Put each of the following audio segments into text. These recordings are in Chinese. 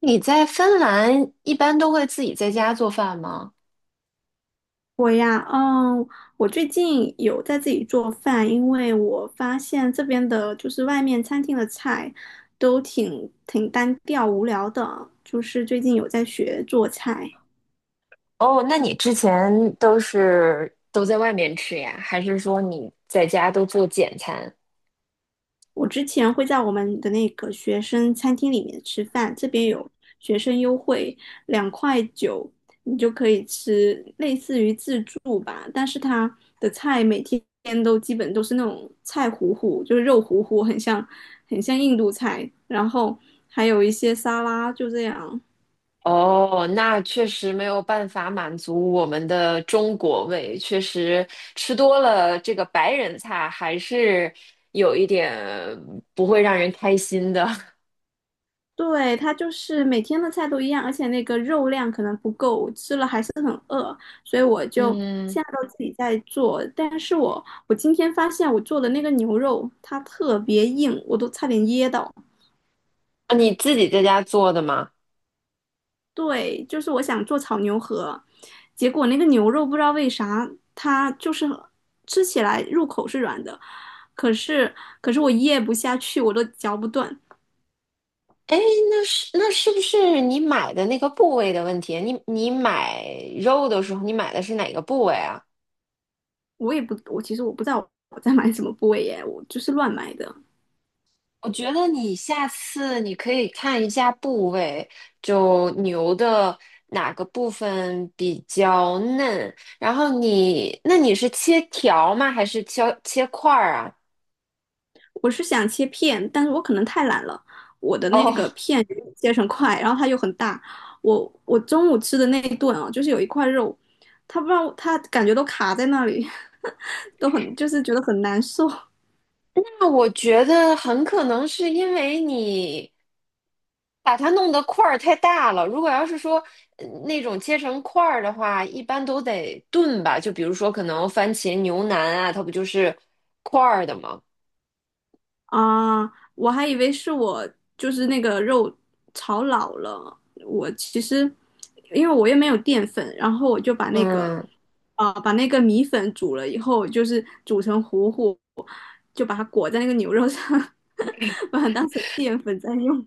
你在芬兰一般都会自己在家做饭吗？我呀，我最近有在自己做饭，因为我发现这边的就是外面餐厅的菜都挺单调无聊的，就是最近有在学做菜。哦，那你之前都是都在外面吃呀？还是说你在家都做简餐？我之前会在我们的那个学生餐厅里面吃饭，这边有学生优惠，2.9块，你就可以吃类似于自助吧，但是它的菜每天都基本都是那种菜糊糊，就是肉糊糊，很像印度菜，然后还有一些沙拉，就这样。哦，那确实没有办法满足我们的中国胃，确实吃多了这个白人菜还是有一点不会让人开心的。对，它就是每天的菜都一样，而且那个肉量可能不够，我吃了还是很饿，所以我就嗯，现在都自己在做。但是我今天发现我做的那个牛肉它特别硬，我都差点噎到。你自己在家做的吗？对，就是我想做炒牛河，结果那个牛肉不知道为啥它就是吃起来入口是软的，可是可是我噎不下去，我都嚼不断。哎，那是不是你买的那个部位的问题？你买肉的时候，你买的是哪个部位啊？我其实我不知道我在买什么部位耶，我就是乱买的。我觉得你下次你可以看一下部位，就牛的哪个部分比较嫩。然后你，那你是切条吗？还是切块儿啊？我是想切片，但是我可能太懒了，我的那哦，个片切成块，然后它又很大。我中午吃的那一顿啊，就是有一块肉，它不知道它感觉都卡在那里，都很就是觉得很难受。那我觉得很可能是因为你把它弄得块儿太大了。如果要是说那种切成块儿的话，一般都得炖吧。就比如说，可能番茄牛腩啊，它不就是块儿的吗？啊，我还以为是我就是那个肉炒老了。我其实因为我也没有淀粉，然后我就把那个嗯，把那个米粉煮了以后，就是煮成糊糊，就把它裹在那个牛肉上，把它当成淀粉在用。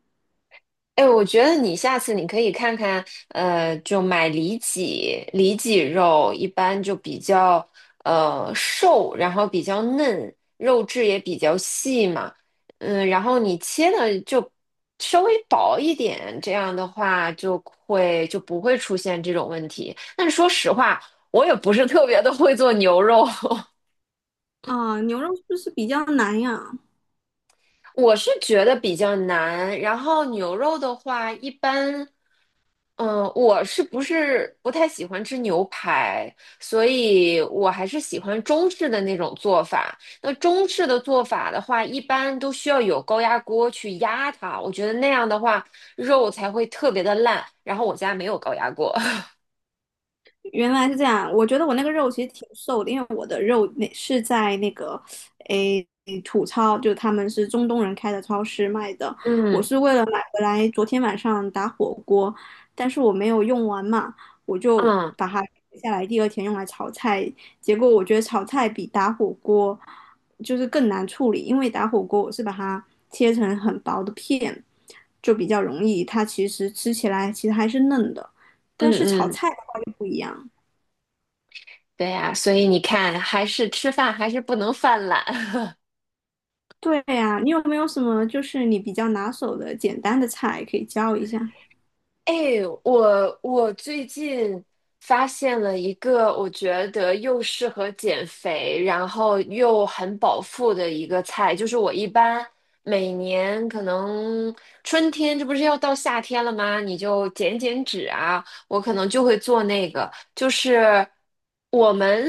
哎，我觉得你下次你可以看看，就买里脊，里脊肉一般就比较瘦，然后比较嫩，肉质也比较细嘛，嗯，然后你切的就稍微薄一点，这样的话就不会出现这种问题。但是说实话，我也不是特别的会做牛肉，啊，牛肉是不是比较难呀？我是觉得比较难。然后牛肉的话，一般。嗯，我不太喜欢吃牛排，所以我还是喜欢中式的那种做法。那中式的做法的话，一般都需要有高压锅去压它，我觉得那样的话肉才会特别的烂。然后我家没有高压锅。原来是这样，我觉得我那个肉其实挺瘦的，因为我的肉那是在那个诶土超，就他们是中东人开的超市卖的。我嗯是为了买回来，昨天晚上打火锅，但是我没有用完嘛，我就嗯把它留下来，第二天用来炒菜。结果我觉得炒菜比打火锅就是更难处理，因为打火锅我是把它切成很薄的片，就比较容易，它其实吃起来其实还是嫩的，嗯但是炒嗯，菜的话就不一样。对呀，所以你看，吃饭还是不能犯懒。对呀，你有没有什么就是你比较拿手的简单的菜可以教一下？哎，我最近发现了一个我觉得又适合减肥，然后又很饱腹的一个菜，就是我一般每年可能春天，这不是要到夏天了吗？你就减减脂啊，我可能就会做那个，就是我们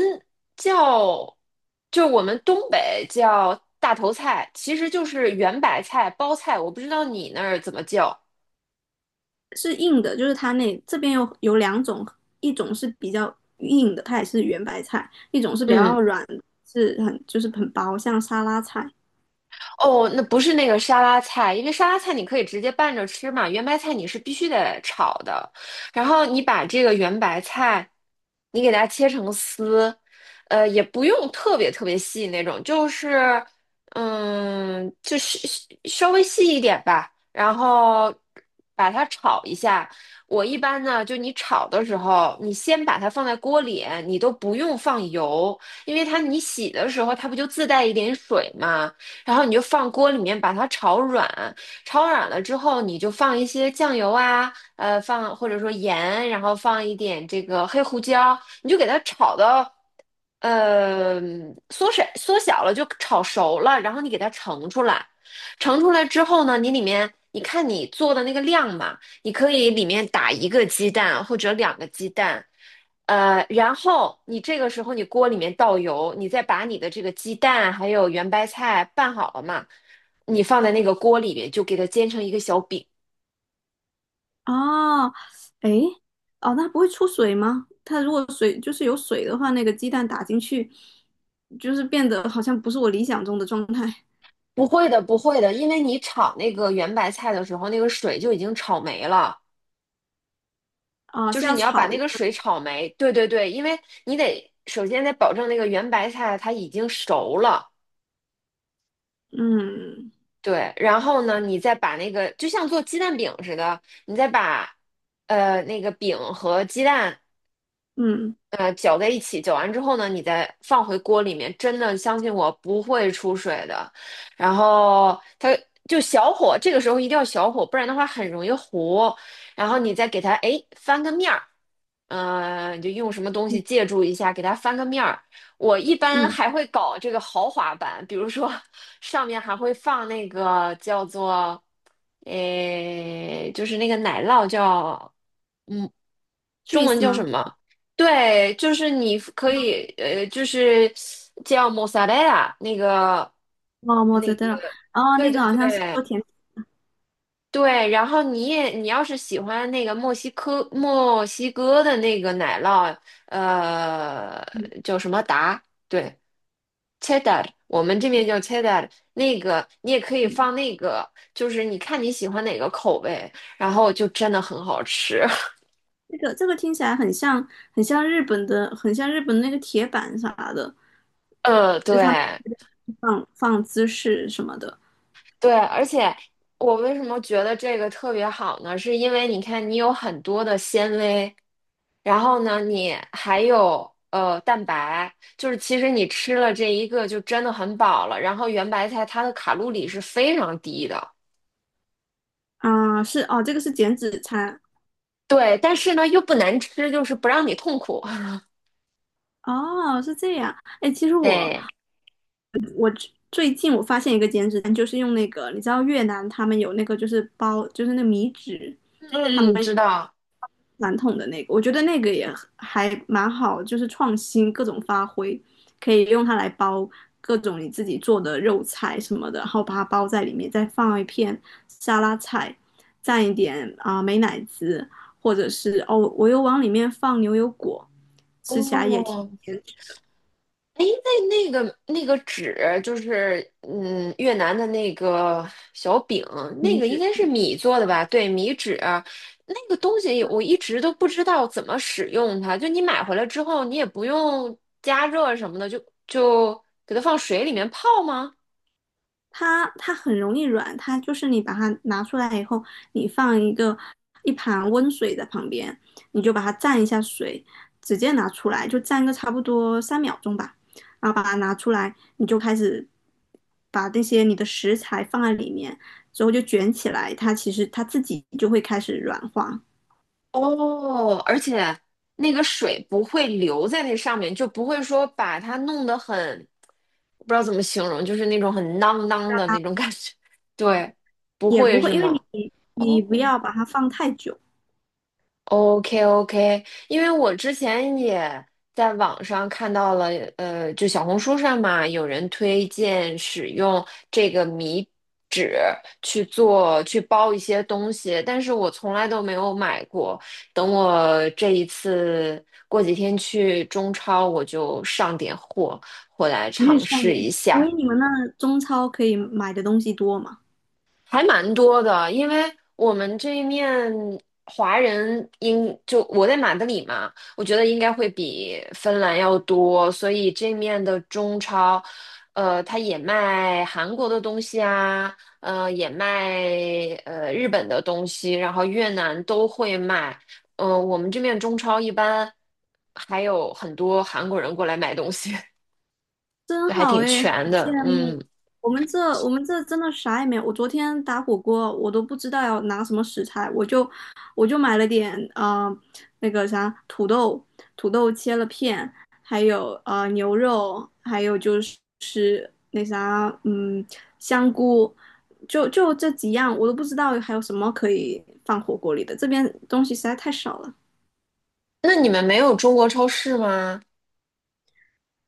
叫，就我们东北叫大头菜，其实就是圆白菜、包菜，我不知道你那儿怎么叫。是硬的，就是它那这边有两种，一种是比较硬的，它也是圆白菜；一种是比嗯。较软的是很就是很薄，像沙拉菜。哦，那不是那个沙拉菜，因为沙拉菜你可以直接拌着吃嘛，圆白菜你是必须得炒的。然后你把这个圆白菜，你给它切成丝，呃，也不用特别细那种，就是嗯，就是稍微细一点吧。然后把它炒一下。我一般呢，就你炒的时候，你先把它放在锅里，你都不用放油，因为它你洗的时候它不就自带一点水嘛。然后你就放锅里面把它炒软，炒软了之后，你就放一些酱油啊，放或者说盐，然后放一点这个黑胡椒，你就给它炒到，呃，缩水缩小了就炒熟了，然后你给它盛出来，盛出来之后呢，你里面。你看你做的那个量嘛，你可以里面打一个鸡蛋或者两个鸡蛋，然后你这个时候你锅里面倒油，你再把你的这个鸡蛋还有圆白菜拌好了嘛，你放在那个锅里面就给它煎成一个小饼。哦，诶，哦，那不会出水吗？它如果水就是有水的话，那个鸡蛋打进去，就是变得好像不是我理想中的状态不会的，不会的，因为你炒那个圆白菜的时候，那个水就已经炒没了，啊，就是是要你要把炒那一个下，水炒没。对对对，因为你得首先得保证那个圆白菜它已经熟了，嗯对。然后呢，你再把那个就像做鸡蛋饼似的，你再把那个饼和鸡蛋嗯搅在一起，搅完之后呢，你再放回锅里面，真的相信我不会出水的。然后它就小火，这个时候一定要小火，不然的话很容易糊。然后你再给它哎翻个面儿，呃，你就用什么东西嗯借助一下，给它翻个面儿。我一般嗯还会搞这个豪华版，比如说上面还会放那个叫做诶，就是那个奶酪叫。嗯。中文，cheese 叫什吗？么？对，就是你可以，就是叫 m o z z a r a 那个，哦，莫那扎特个，拉，哦，对那对个好像是做对甜对。然后你也，你要是喜欢那个墨西哥的那个奶酪，呃，品叫什么达？对，cheddar，我们这边叫 cheddar。那个你也可以的，放那个，就是你看你喜欢哪个口味，然后就真的很好吃。这个这个听起来很像，很像日本的，很像日本的那个铁板啥的，对。放放芝士什么的。对，而且我为什么觉得这个特别好呢？是因为你看，你有很多的纤维，然后呢，你还有蛋白，就是其实你吃了这一个就真的很饱了。然后圆白菜它的卡路里是非常低的，是哦，这个是减脂餐，对，但是呢又不难吃，就是不让你痛苦。哦，是这样。哎，其实我对，最近我发现一个减脂餐，就是用那个，你知道越南他们有那个就是包，就是那个米纸，他们。嗯，嗯，知道。传统的那个，我觉得那个也还蛮好，就是创新各种发挥，可以用它来包各种你自己做的肉菜什么的，然后把它包在里面，再放一片沙拉菜，蘸一点美乃滋，或者是哦，我又往里面放牛油果，吃起来也挺哦，甜，哎，那个纸，就是嗯，越南的那个小饼，那腻个应脂。该是米做的吧？对，米纸啊，那个东西我一直都不知道怎么使用它。就你买回来之后，你也不用加热什么的，就给它放水里面泡吗？它很容易软，它就是你把它拿出来以后，你放一个一盘温水在旁边，你就把它蘸一下水，直接拿出来，就蘸个差不多3秒钟吧，然后把它拿出来，你就开始把那些你的食材放在里面，之后就卷起来，它其实它自己就会开始软化，哦，而且那个水不会留在那上面，就不会说把它弄得很，不知道怎么形容，就是那种很 囔囔的那种感觉。对，不也不会会，是因为吗？你你不哦要把它放太久，，OK OK，因为我之前也在网上看到了，就小红书上嘛，有人推荐使用这个米纸去包一些东西，但是我从来都没有买过。等我这一次过几天去中超，我就上点货回来有点尝上试一瘾。哎，下。你们那中超可以买的东西多吗？还蛮多的，因为我们这一面华人应就我在马德里嘛，我觉得应该会比芬兰要多，所以这面的中超，呃，它也卖韩国的东西啊，呃，也卖日本的东西，然后越南都会卖，我们这面中超一般还有很多韩国人过来买东西。真就还好挺哎，好全羡的，慕！嗯，我们这我们这真的啥也没有。我昨天打火锅，我都不知道要拿什么食材，我就买了点那个啥土豆，土豆切了片，还有牛肉，还有就是那啥香菇，就这几样，我都不知道还有什么可以放火锅里的。这边东西实在太少了，那你们没有中国超市吗？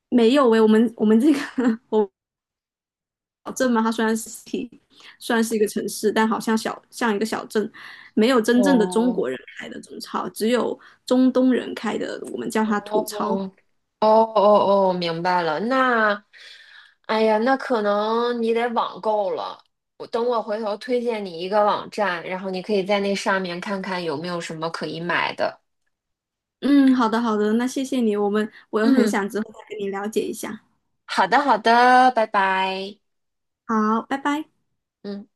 没有喂，我们这个 我镇嘛，它虽然是算是一个城市，但好像小像一个小镇，没有真正的中哦，国人开的中超，只有中东人开的，我们叫它土哦超。哦，明白了。那，哎呀，那可能你得网购了。我等我回头推荐你一个网站，然后你可以在那上面看看有没有什么可以买的。嗯，好的好的，那谢谢你，我很嗯，想之后再跟你了解一下。好的好的，拜拜。好，拜拜。嗯。